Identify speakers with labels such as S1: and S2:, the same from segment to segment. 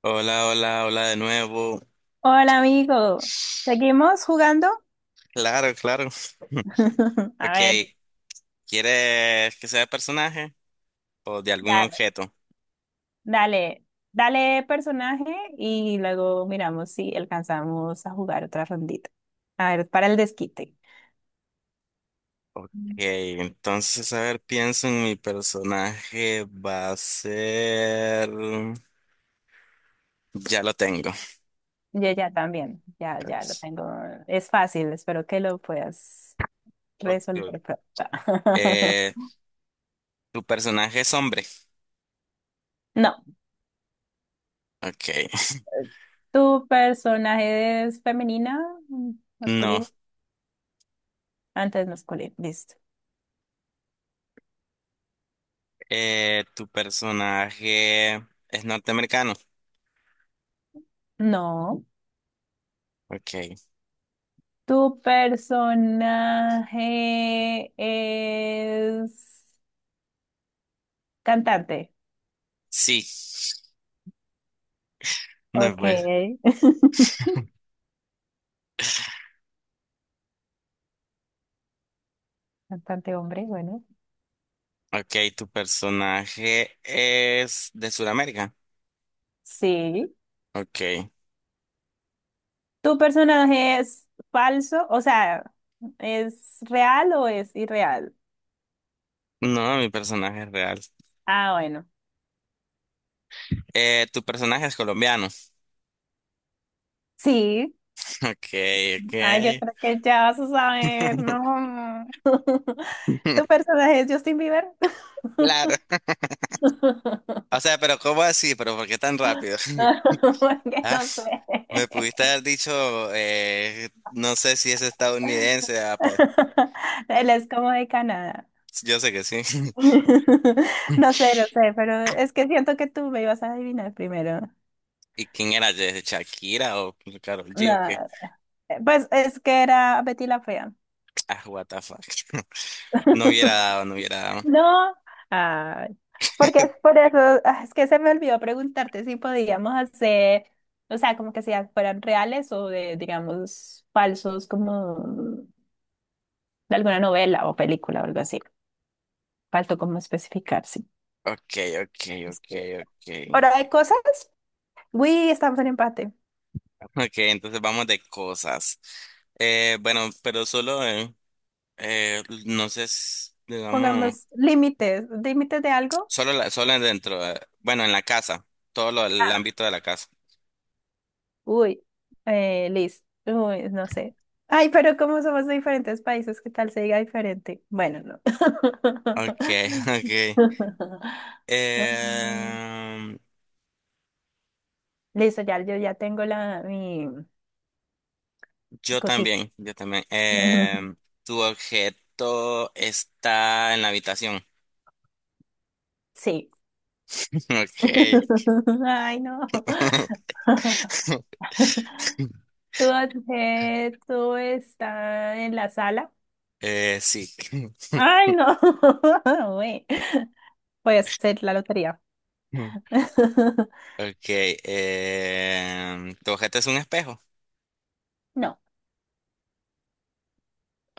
S1: Hola, hola, hola de nuevo.
S2: Hola amigo, ¿seguimos jugando?
S1: Claro, claro.
S2: A
S1: Ok,
S2: ver,
S1: ¿quieres que sea de personaje o de algún
S2: dale,
S1: objeto?
S2: dale, dale personaje y luego miramos si alcanzamos a jugar otra rondita. A ver, para el desquite.
S1: Ok,
S2: Mm.
S1: entonces, a ver, pienso en mi personaje. Va a ser... Ya lo tengo.
S2: Yo ya también, ya, ya lo tengo. Es fácil, espero que lo puedas
S1: Ok.
S2: resolver pronto.
S1: Eh, ¿Tu personaje es hombre?
S2: No,
S1: Ok.
S2: ¿tu personaje es femenina,
S1: No.
S2: masculino? Antes masculino, listo.
S1: ¿Tu personaje es norteamericano?
S2: No.
S1: Ok.
S2: ¿Tu personaje es cantante?
S1: Sí. No,
S2: Ok.
S1: pues.
S2: Cantante hombre, bueno.
S1: Ok, tu personaje es de Sudamérica.
S2: Sí.
S1: Ok.
S2: ¿Tu personaje es falso? O sea, ¿es real o es irreal?
S1: No, mi personaje es real.
S2: Ah, bueno.
S1: Tu personaje es colombiano.
S2: Sí.
S1: Ok, ok.
S2: Ah, yo creo que ya vas a saber, no. ¿Tu personaje es Justin Bieber?
S1: Claro. O sea, pero ¿cómo así? ¿Pero por qué tan rápido?
S2: Porque
S1: Ah,
S2: no sé.
S1: me pudiste haber dicho, no sé si es estadounidense. Ah,
S2: Él es como de Canadá.
S1: yo sé que sí.
S2: No sé, no sé, pero es que siento que tú me ibas a adivinar primero.
S1: ¿Y quién era? ¿De Shakira o Karol G o
S2: No,
S1: qué?
S2: pues es que era Betty la Fea.
S1: Ah, what the fuck. No hubiera dado, no hubiera dado.
S2: No, ay, porque es por eso, es que se me olvidó preguntarte si podíamos hacer, o sea, como que si fueran reales o de, digamos, falsos, como de alguna novela o película o algo así. Faltó como especificar, sí.
S1: Ok, ok, ok,
S2: Este,
S1: ok.
S2: ¿hora de cosas? Uy, estamos en empate.
S1: Ok, entonces vamos de cosas. Bueno, pero solo, no sé, digamos,
S2: Pongamos límites. ¿Límites de algo?
S1: solo dentro, bueno, en la casa, el
S2: Ah,
S1: ámbito de la casa.
S2: uy, Liz. Uy, no sé. Ay, pero como somos de diferentes países, ¿qué tal se diga diferente? Bueno, no.
S1: Ok, ok.
S2: Mm,
S1: Em,
S2: listo, ya, yo ya tengo la, mi
S1: yo
S2: cosita.
S1: también, yo también. Em, tu objeto está en la habitación.
S2: Sí.
S1: Ok.
S2: Ay, no. ¿Tu objeto está en la sala?
S1: Sí.
S2: Ay, no. Uy. Voy a hacer la lotería.
S1: Ok. Em, tu objeto es un espejo.
S2: No,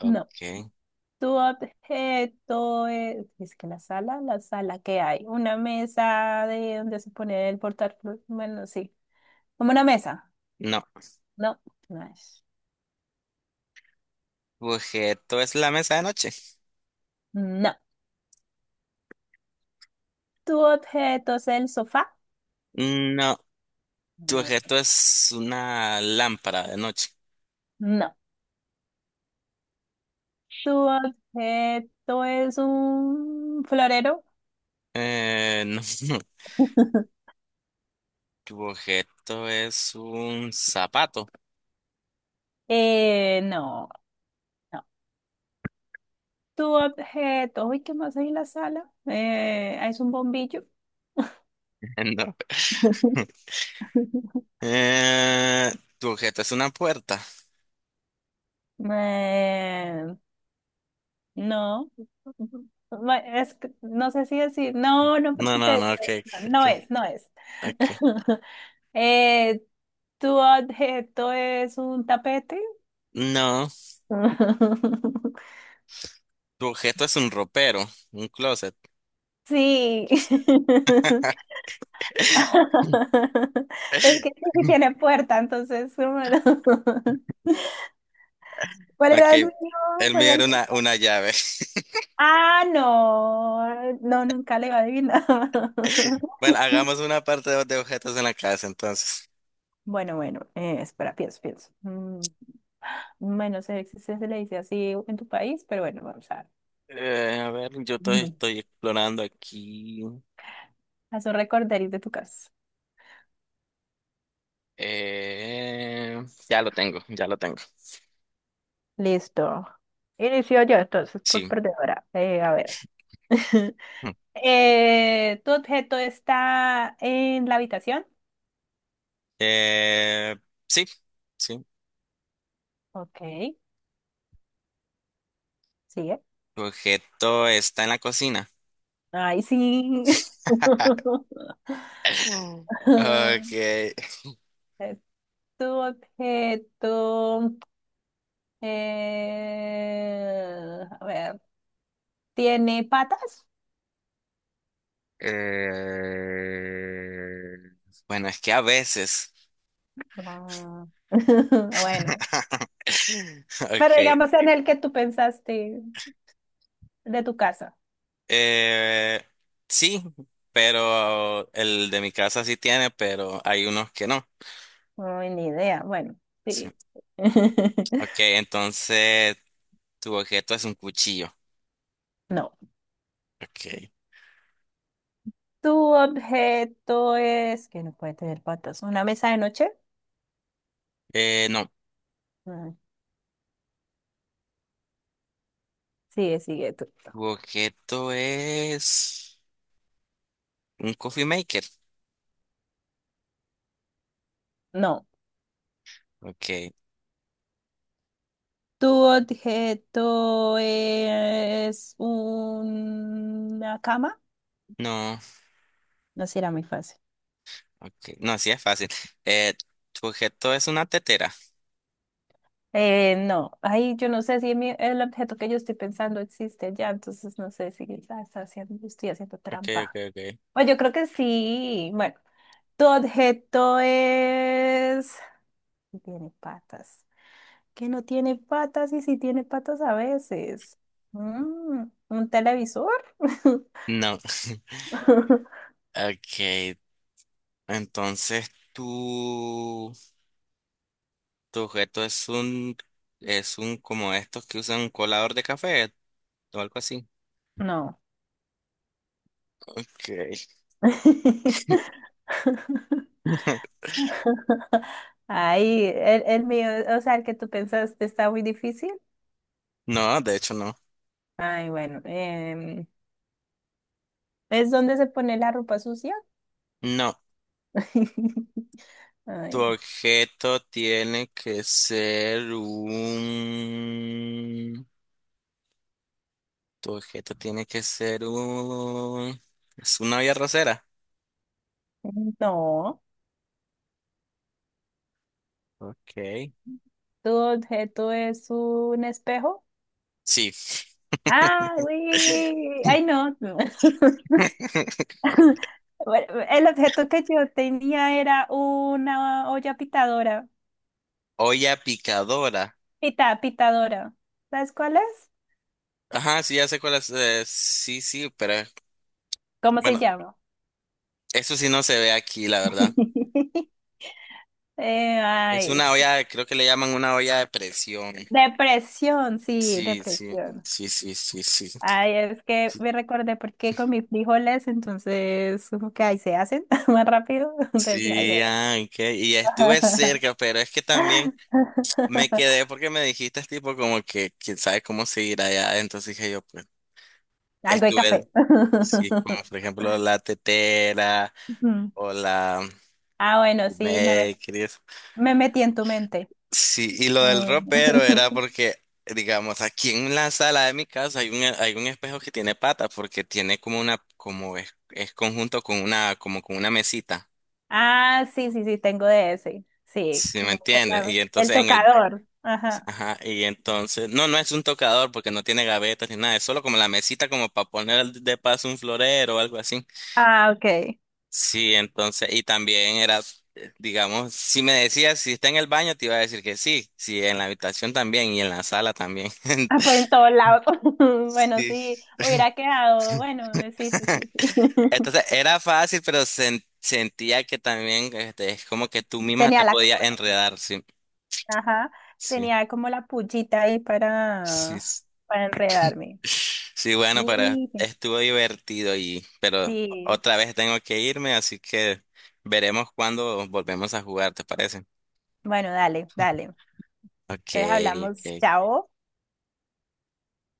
S2: no. Tu objeto es que la sala que hay, una mesa de donde se pone el portátil, bueno, sí, como una mesa.
S1: No.
S2: No, no es.
S1: ¿Tu objeto es la mesa de noche?
S2: No. Tu objeto es el sofá.
S1: No. ¿Tu
S2: No.
S1: objeto es una lámpara de noche?
S2: No. Tu objeto es un florero.
S1: No. ¿Tu objeto es un zapato?
S2: No, no. Tu objeto, uy, ¿qué más hay en la sala? Es un bombillo.
S1: No. Eh, ¿Tu objeto es una puerta?
S2: Eh, no, ma- es que no sé si decir, no, no,
S1: No,
S2: porque
S1: no,
S2: te...
S1: no, ok, ok,
S2: No es, no es.
S1: ok.
S2: Eh, ¿tu objeto es un tapete?
S1: No. ¿Tu objeto es un ropero? Un closet.
S2: Sí. Es que sí tiene puerta, entonces... bueno. ¿Cuál era el mío?
S1: Ok. El
S2: ¿Cuál
S1: mío
S2: era
S1: era
S2: el-
S1: una llave.
S2: ah, no, no, nunca le iba a adivinar.
S1: Bueno, hagamos una parte de objetos en la casa entonces.
S2: Bueno, bueno, espera, pienso, pienso. Mm, bueno, sé si se le dice así en tu país, pero bueno, vamos a ver.
S1: A ver,
S2: Ujú.
S1: estoy explorando aquí.
S2: Haz un recorderis de tu casa.
S1: Eh, ya lo tengo, ya lo tengo.
S2: Listo. Inicio yo entonces por
S1: Sí.
S2: perdedora. A ver.
S1: Mm.
S2: ¿Tu objeto está en la habitación?
S1: Eh, sí, sí.
S2: Ok, sigue.
S1: Tu objeto está en la cocina.
S2: Ay, sí.
S1: Okay.
S2: Es tu objeto, a ver, ¿tiene patas?
S1: Eh, bueno, es que a veces.
S2: Ah, bueno, pero
S1: Okay.
S2: digamos en el que tú pensaste de tu casa.
S1: Eh, sí, pero el de mi casa sí tiene, pero hay unos que no.
S2: Ay, ni idea. Bueno.
S1: Sí.
S2: Sí.
S1: Okay, entonces tu objeto es un cuchillo.
S2: No.
S1: Ok.
S2: ¿Tu objeto es que no puede tener patas? ¿Una mesa de noche?
S1: No.
S2: Ah, sigue, sigue tú.
S1: Tu objeto es un coffee maker.
S2: No.
S1: Ok.
S2: ¿Tu objeto es una cama?
S1: No.
S2: No será muy fácil.
S1: Ok. No, así es fácil. Eh, Tu objeto es una tetera.
S2: No, ahí yo no sé si mi- el objeto que yo estoy pensando existe ya, entonces no sé si la está haciendo, estoy haciendo
S1: Ok, ok,
S2: trampa.
S1: ok.
S2: O yo creo que sí. Bueno, tu objeto es... sí tiene patas. Que no tiene patas y sí tiene patas a veces. Mm, ¿un televisor?
S1: No. Ok. Entonces tu, Tu objeto es es un como estos que usan un colador de café o algo así.
S2: No.
S1: Ok.
S2: Ahí el mío, o sea, el que tú pensaste está muy difícil.
S1: No, de hecho no.
S2: Ay, bueno, ¿es donde se pone la ropa sucia?
S1: No. Tu
S2: Ay,
S1: objeto tiene que ser un... Tu objeto tiene que ser un... Es una olla rosera.
S2: no.
S1: Ok.
S2: ¿Tu objeto es un espejo?
S1: Sí.
S2: Ah, uy, ay, no. Bueno, el objeto que yo tenía era una olla pitadora.
S1: Olla picadora.
S2: Pita, pitadora. ¿Sabes cuál es?
S1: Ajá, sí, ya sé cuál es. Sí, sí, pero
S2: ¿Cómo se
S1: bueno,
S2: llama?
S1: eso sí no se ve aquí, la verdad. Es
S2: Ay,
S1: una
S2: sí.
S1: olla, creo que le llaman una olla de presión.
S2: Depresión, sí,
S1: Sí, sí,
S2: depresión.
S1: sí, sí, sí, sí.
S2: Ay, es que me recordé porque con mis frijoles, entonces, como que ahí se hacen más rápido. Entonces dije, ay,
S1: Sí,
S2: bueno.
S1: ah, ok. Y estuve cerca, pero es que también... Me quedé porque me dijiste tipo como que quién sabe cómo seguir allá. Entonces dije yo, pues,
S2: Algo de
S1: estuve,
S2: café.
S1: sí, como por ejemplo la tetera
S2: Ujú.
S1: o la
S2: Ah, bueno, sí, me, met-
S1: Makeries.
S2: me metí en tu mente.
S1: Sí, y lo del
S2: Mm.
S1: ropero era porque, digamos, aquí en la sala de mi casa hay hay un espejo que tiene patas porque tiene como una, es conjunto con una, como con una mesita.
S2: Ah, sí, sí, sí, tengo de ese. Sí,
S1: ¿Sí me
S2: como con
S1: entiendes? Y
S2: la- el
S1: entonces en el
S2: tocador. Ajá.
S1: Ajá, y entonces, no, no es un tocador porque no tiene gavetas ni nada, es solo como la mesita como para poner de paso un florero o algo así.
S2: Ah, ok.
S1: Sí, entonces, y también era, digamos, si me decías si está en el baño, te iba a decir que sí, sí, en la habitación también y en la sala también.
S2: Ah, pues en todos lados. Bueno, sí,
S1: Sí.
S2: hubiera quedado, bueno, sí, sí, sí, sí.
S1: Entonces, era fácil, pero sentía que también este, es como que tú misma
S2: Tenía
S1: te
S2: la,
S1: podías enredar, sí,
S2: ajá,
S1: sí,
S2: tenía como la pullita ahí
S1: sí.
S2: para enredarme.
S1: Sí, bueno, pero
S2: Y-
S1: estuvo divertido y, pero
S2: sí,
S1: otra vez tengo que irme, así que veremos cuándo volvemos a jugar, ¿te parece?
S2: bueno, dale, dale.
S1: Ok,
S2: Entonces hablamos,
S1: ok.
S2: chao.